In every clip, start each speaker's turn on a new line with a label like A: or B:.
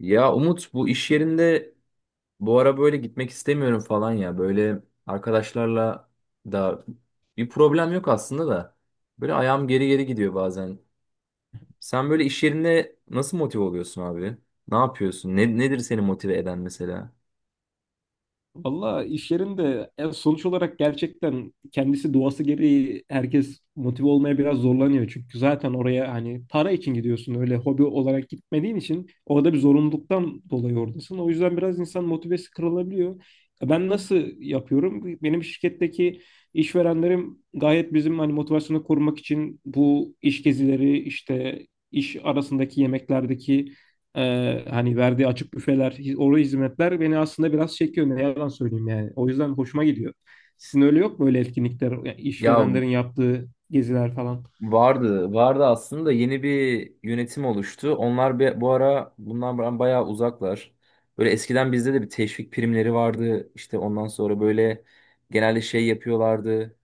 A: Ya Umut, bu iş yerinde bu ara böyle gitmek istemiyorum falan ya. Böyle arkadaşlarla da bir problem yok aslında da. Böyle ayağım geri geri gidiyor bazen. Sen böyle iş yerinde nasıl motive oluyorsun abi? Ne yapıyorsun? Nedir seni motive eden mesela?
B: Valla iş yerinde sonuç olarak gerçekten kendisi doğası gereği herkes motive olmaya biraz zorlanıyor. Çünkü zaten oraya hani para için gidiyorsun öyle hobi olarak gitmediğin için orada bir zorunluluktan dolayı oradasın. O yüzden biraz insan motivesi kırılabiliyor. Ben nasıl yapıyorum? Benim şirketteki işverenlerim gayet bizim hani motivasyonu korumak için bu iş gezileri işte iş arasındaki yemeklerdeki hani verdiği açık büfeler, oru hizmetler beni aslında biraz çekiyor. Ne yalan söyleyeyim yani. O yüzden hoşuma gidiyor. Sizin öyle yok mu öyle etkinlikler, yani
A: Ya
B: işverenlerin yaptığı geziler falan?
A: vardı aslında, yeni bir yönetim oluştu. Onlar bu ara bundan bayağı uzaklar. Böyle eskiden bizde de bir teşvik primleri vardı. İşte ondan sonra böyle genelde şey yapıyorlardı.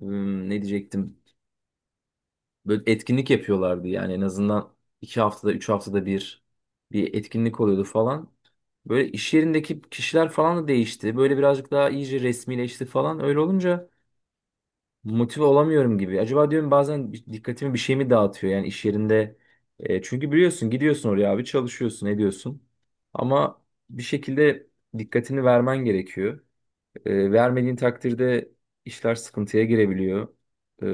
A: Ne diyecektim? Böyle etkinlik yapıyorlardı yani, en azından iki haftada, üç haftada bir bir etkinlik oluyordu falan. Böyle iş yerindeki kişiler falan da değişti. Böyle birazcık daha iyice resmileşti falan. Öyle olunca motive olamıyorum gibi. Acaba diyorum bazen, dikkatimi bir şey mi dağıtıyor yani iş yerinde. Çünkü biliyorsun, gidiyorsun oraya abi, çalışıyorsun ediyorsun. Ama bir şekilde dikkatini vermen gerekiyor. Vermediğin takdirde işler sıkıntıya girebiliyor. E,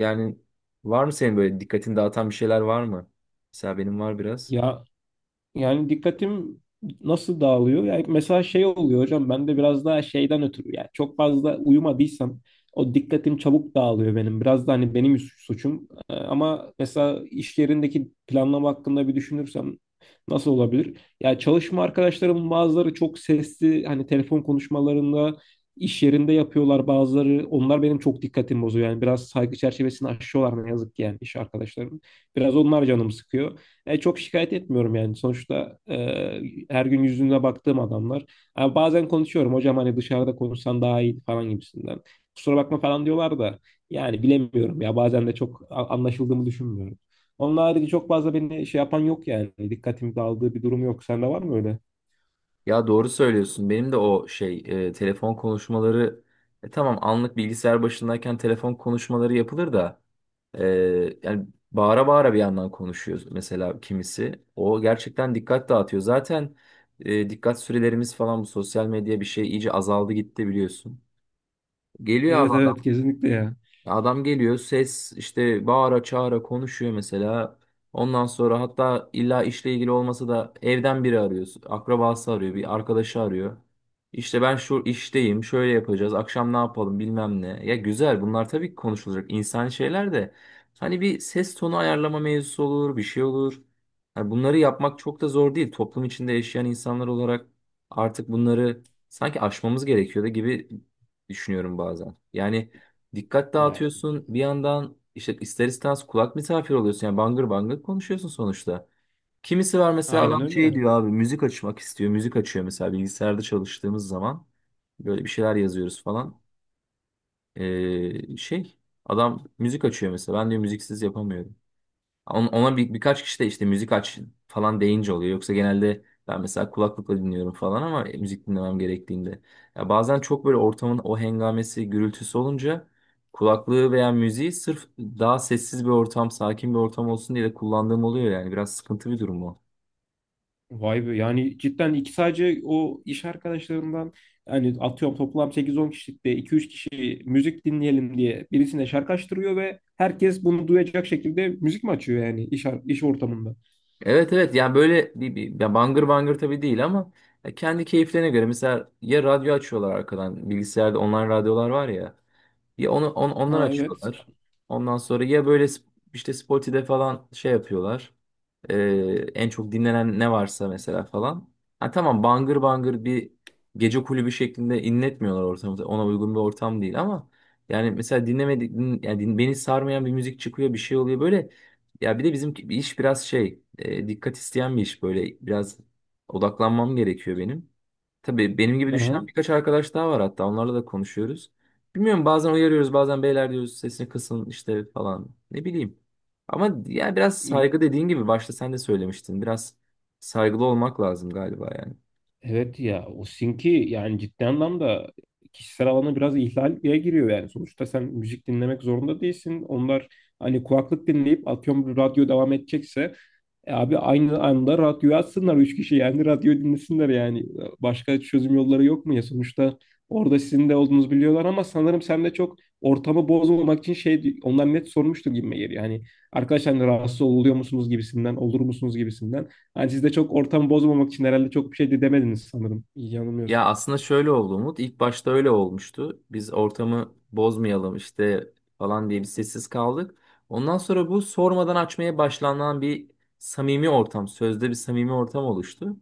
A: Yani, var mı senin böyle dikkatini dağıtan bir şeyler var mı? Mesela benim var biraz.
B: Ya, yani dikkatim nasıl dağılıyor? Yani mesela şey oluyor hocam ben de biraz daha şeyden ötürü yani çok fazla uyumadıysam o dikkatim çabuk dağılıyor benim. Biraz da hani benim suçum. Ama mesela iş yerindeki planlama hakkında bir düşünürsem nasıl olabilir? Ya çalışma arkadaşlarımın bazıları çok sesli hani telefon konuşmalarında iş yerinde yapıyorlar bazıları. Onlar benim çok dikkatimi bozuyor. Yani biraz saygı çerçevesini aşıyorlar ne yazık ki yani iş arkadaşlarım. Biraz onlar canımı sıkıyor. Çok şikayet etmiyorum yani. Sonuçta her gün yüzüne baktığım adamlar. Ha, bazen konuşuyorum hocam hani dışarıda konuşsan daha iyi falan gibisinden. Kusura bakma falan diyorlar da yani bilemiyorum ya bazen de çok anlaşıldığımı düşünmüyorum. Onun harici çok fazla beni şey yapan yok yani. Dikkatimi dağıldığı bir durum yok. Sende var mı öyle?
A: Ya doğru söylüyorsun. Benim de o telefon konuşmaları, tamam anlık bilgisayar başındayken telefon konuşmaları yapılır da, e, yani bağıra bağıra bir yandan konuşuyor mesela kimisi. O gerçekten dikkat dağıtıyor. Zaten dikkat sürelerimiz falan, bu sosyal medya bir şey, iyice azaldı gitti biliyorsun. Geliyor abi.
B: Evet, evet, kesinlikle ya.
A: Ya adam geliyor ses, işte bağıra çağıra konuşuyor mesela. Ondan sonra hatta illa işle ilgili olmasa da evden biri arıyor. Akrabası arıyor, bir arkadaşı arıyor. İşte ben şu işteyim, şöyle yapacağız, akşam ne yapalım bilmem ne. Ya güzel, bunlar tabii ki konuşulacak insani şeyler de. Hani bir ses tonu ayarlama mevzusu olur, bir şey olur. Hani bunları yapmak çok da zor değil. Toplum içinde yaşayan insanlar olarak artık bunları sanki aşmamız gerekiyor da gibi düşünüyorum bazen. Yani dikkat
B: Ya
A: dağıtıyorsun. Bir yandan işte ister istemez kulak misafir oluyorsun. Yani bangır bangır konuşuyorsun sonuçta. Kimisi var mesela,
B: aynen
A: adam şey
B: öyle.
A: diyor abi, müzik açmak istiyor. Müzik açıyor mesela bilgisayarda çalıştığımız zaman. Böyle bir şeyler yazıyoruz falan. Ee, şey Adam müzik açıyor mesela. Ben diyor müziksiz yapamıyorum. Ona birkaç kişi de işte müzik aç falan deyince oluyor. Yoksa genelde ben mesela kulaklıkla dinliyorum falan, ama müzik dinlemem gerektiğinde. Ya bazen çok böyle ortamın o hengamesi, gürültüsü olunca, kulaklığı veya müziği sırf daha sessiz bir ortam, sakin bir ortam olsun diye de kullandığım oluyor yani. Biraz sıkıntı bir durum o.
B: Vay be yani cidden iki sadece o iş arkadaşlarımdan yani atıyorum toplam sekiz on kişilikte iki üç kişi müzik dinleyelim diye birisine şarkı açtırıyor ve herkes bunu duyacak şekilde müzik mi açıyor yani iş ortamında?
A: Evet evet, yani böyle bir ya, bangır bangır tabii değil, ama ya kendi keyiflerine göre mesela, ya radyo açıyorlar arkadan, bilgisayarda online radyolar var ya. Ya onu ondan
B: Ha, evet.
A: açıyorlar. Ondan sonra ya böyle işte Spoti'de falan şey yapıyorlar. En çok dinlenen ne varsa mesela falan. Ha tamam, bangır bangır bir gece kulübü şeklinde inletmiyorlar ortamı. Ona uygun bir ortam değil, ama yani mesela dinlemedik din- yani din- beni sarmayan bir müzik çıkıyor, bir şey oluyor böyle. Ya bir de bizim bir iş biraz dikkat isteyen bir iş, böyle biraz odaklanmam gerekiyor benim. Tabii benim gibi düşünen
B: Aha.
A: birkaç arkadaş daha var, hatta onlarla da konuşuyoruz. Bilmiyorum, bazen uyarıyoruz, bazen beyler diyoruz sesini kısın işte falan, ne bileyim. Ama ya biraz saygı, dediğin gibi başta sen de söylemiştin. Biraz saygılı olmak lazım galiba yani.
B: Evet ya o sinki yani ciddi anlamda kişisel alana biraz ihlal giriyor yani. Sonuçta sen müzik dinlemek zorunda değilsin. Onlar hani kulaklık dinleyip atıyorum bir radyo devam edecekse e abi aynı anda radyoyu açsınlar üç kişi yani radyo dinlesinler yani. Başka çözüm yolları yok mu ya? Sonuçta orada sizin de olduğunuzu biliyorlar ama sanırım sen de çok ortamı bozmamak için şey onlar net sormuştur gibime geliyor. Yani arkadaşlar hani rahatsız oluyor musunuz gibisinden, olur musunuz gibisinden. Yani siz de çok ortam bozmamak için herhalde çok bir şey de demediniz sanırım. İyi
A: Ya
B: yanılmıyorsam.
A: aslında şöyle oldu Umut. İlk başta öyle olmuştu. Biz ortamı bozmayalım işte falan diye bir sessiz kaldık. Ondan sonra bu sormadan açmaya başlanan bir samimi ortam, sözde bir samimi ortam oluştu.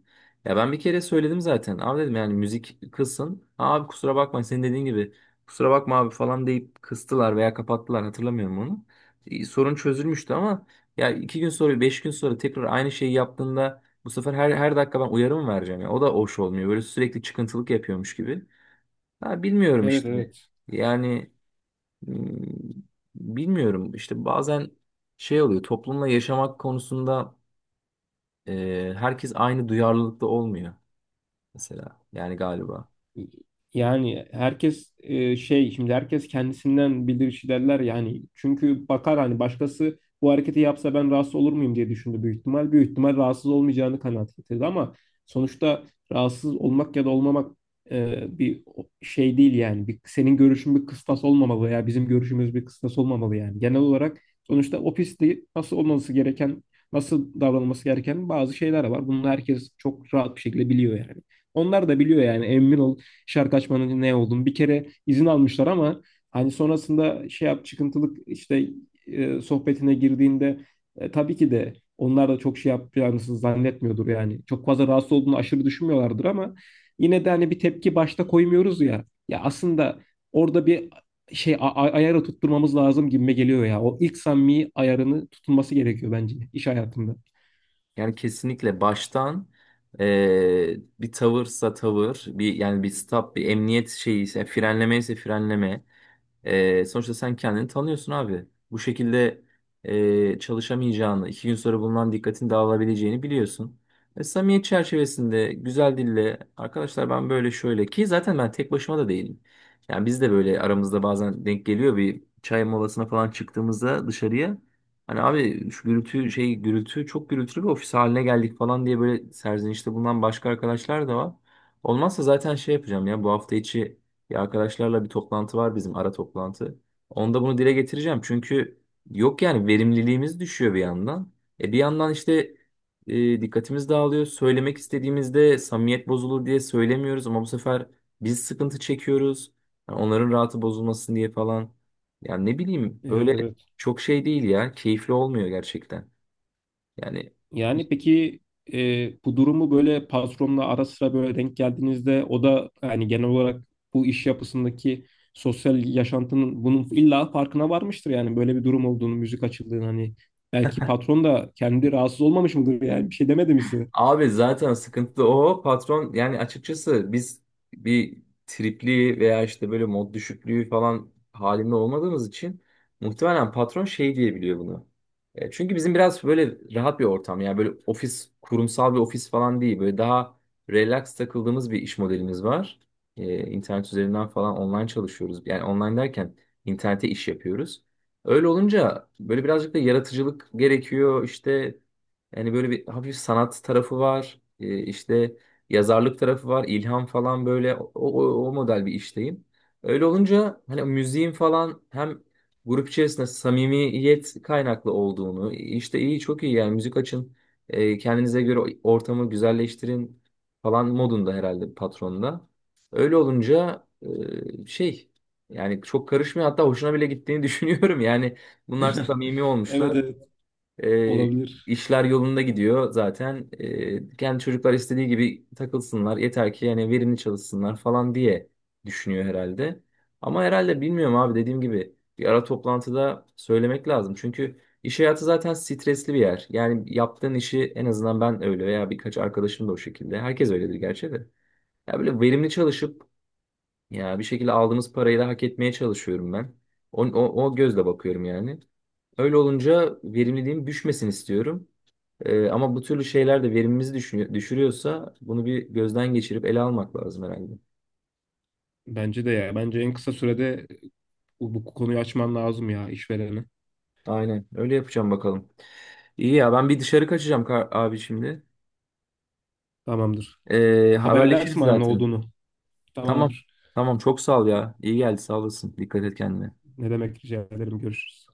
A: Ya ben bir kere söyledim zaten. Abi dedim yani müzik kılsın. Abi kusura bakma, senin dediğin gibi, kusura bakma abi falan deyip kıstılar veya kapattılar, hatırlamıyorum onu. Sorun çözülmüştü, ama ya iki gün sonra beş gün sonra tekrar aynı şeyi yaptığında, bu sefer her dakika ben uyarı mı vereceğim ya? O da hoş olmuyor. Böyle sürekli çıkıntılık yapıyormuş gibi. Ha bilmiyorum
B: Evet,
A: işte.
B: evet.
A: Yani hmm, bilmiyorum işte, bazen şey oluyor, toplumla yaşamak konusunda herkes aynı duyarlılıkta olmuyor mesela yani, galiba.
B: Yani herkes şey şimdi herkes kendisinden bilirişi derler yani çünkü bakar hani başkası bu hareketi yapsa ben rahatsız olur muyum diye düşündü büyük ihtimal. Büyük ihtimal rahatsız olmayacağını kanaat getirdi ama sonuçta rahatsız olmak ya da olmamak bir şey değil yani. Bir, senin görüşün bir kıstas olmamalı ya bizim görüşümüz bir kıstas olmamalı yani. Genel olarak sonuçta o pistte nasıl olması gereken, nasıl davranılması gereken bazı şeyler var. Bunu herkes çok rahat bir şekilde biliyor yani. Onlar da biliyor yani emin ol şarkı açmanın ne olduğunu. Bir kere izin almışlar ama hani sonrasında şey yap çıkıntılık işte sohbetine girdiğinde tabii ki de onlar da çok şey yapacağını zannetmiyordur yani. Çok fazla rahatsız olduğunu aşırı düşünmüyorlardır ama yine de hani bir tepki başta koymuyoruz ya. Ya aslında orada bir şey ayarı tutturmamız lazım gibime geliyor ya. O ilk samimi ayarını tutulması gerekiyor bence iş hayatında.
A: Yani kesinlikle baştan bir tavırsa tavır, bir yani bir stop, bir emniyet şeyi ise frenleme ise frenleme. Sonuçta sen kendini tanıyorsun abi. Bu şekilde çalışamayacağını, iki gün sonra bundan dikkatin dağılabileceğini biliyorsun. Ve samimiyet çerçevesinde güzel dille arkadaşlar, ben böyle şöyle ki, zaten ben tek başıma da değilim. Yani biz de böyle aramızda bazen denk geliyor, bir çay molasına falan çıktığımızda dışarıya. Hani abi şu gürültü, şey gürültü, çok gürültülü bir ofis haline geldik falan diye böyle serzenişte bulunan başka arkadaşlar da var. Olmazsa zaten şey yapacağım ya, bu hafta içi ya arkadaşlarla bir toplantı var bizim, ara toplantı. Onda bunu dile getireceğim. Çünkü yok yani, verimliliğimiz düşüyor bir yandan. E bir yandan işte dikkatimiz dağılıyor. Söylemek istediğimizde samimiyet bozulur diye söylemiyoruz, ama bu sefer biz sıkıntı çekiyoruz. Yani onların rahatı bozulmasın diye falan. Yani ne bileyim,
B: Evet,
A: böyle
B: evet.
A: çok şey değil ya. Keyifli olmuyor gerçekten. Yani
B: Yani peki bu durumu böyle patronla ara sıra böyle denk geldiğinizde o da yani genel olarak bu iş yapısındaki sosyal yaşantının bunun illa farkına varmıştır yani böyle bir durum olduğunu, müzik açıldığını hani belki patron da kendi rahatsız olmamış mıdır yani bir şey demedi mi size?
A: abi zaten sıkıntı da o, patron yani, açıkçası biz bir tripli veya işte böyle mod düşüklüğü falan halinde olmadığımız için muhtemelen patron şey diyebiliyor bunu. Çünkü bizim biraz böyle rahat bir ortam, yani böyle ofis, kurumsal bir ofis falan değil, böyle daha relax takıldığımız bir iş modelimiz var. İnternet üzerinden falan online çalışıyoruz, yani online derken internete iş yapıyoruz. Öyle olunca böyle birazcık da yaratıcılık gerekiyor işte, yani böyle bir hafif sanat tarafı var. İşte yazarlık tarafı var, ilham falan, böyle o model bir işteyim. Öyle olunca hani müziğin falan hem grup içerisinde samimiyet kaynaklı olduğunu işte iyi, çok iyi yani, müzik açın, kendinize göre ortamı güzelleştirin falan modunda herhalde patronda. Öyle olunca e, şey yani çok karışmıyor, hatta hoşuna bile gittiğini düşünüyorum yani, bunlar samimi
B: Evet,
A: olmuşlar.
B: evet,
A: E,
B: olabilir.
A: işler yolunda gidiyor zaten. E kendi çocuklar istediği gibi takılsınlar. Yeter ki yani verimli çalışsınlar falan diye düşünüyor herhalde. Ama herhalde, bilmiyorum abi, dediğim gibi bir ara toplantıda söylemek lazım. Çünkü iş hayatı zaten stresli bir yer. Yani yaptığın işi, en azından ben öyle veya birkaç arkadaşım da o şekilde. Herkes öyledir gerçi de. Ya böyle verimli çalışıp ya bir şekilde aldığımız parayı da hak etmeye çalışıyorum ben. O gözle bakıyorum yani. Öyle olunca verimliliğim düşmesin istiyorum. Ama bu türlü şeyler de verimimizi düşünüyor, düşürüyorsa, bunu bir gözden geçirip ele almak lazım herhalde.
B: Bence de ya. Bence en kısa sürede bu konuyu açman lazım ya işverene.
A: Aynen öyle yapacağım bakalım. İyi ya, ben bir dışarı kaçacağım abi şimdi.
B: Tamamdır.
A: Tamam,
B: Haber
A: haberleşiriz
B: edersin bana ne
A: zaten.
B: olduğunu.
A: Tamam.
B: Tamamdır.
A: Tamam çok sağ ol ya. İyi geldi, sağ olasın. Dikkat et kendine.
B: Ne demek, rica ederim. Görüşürüz.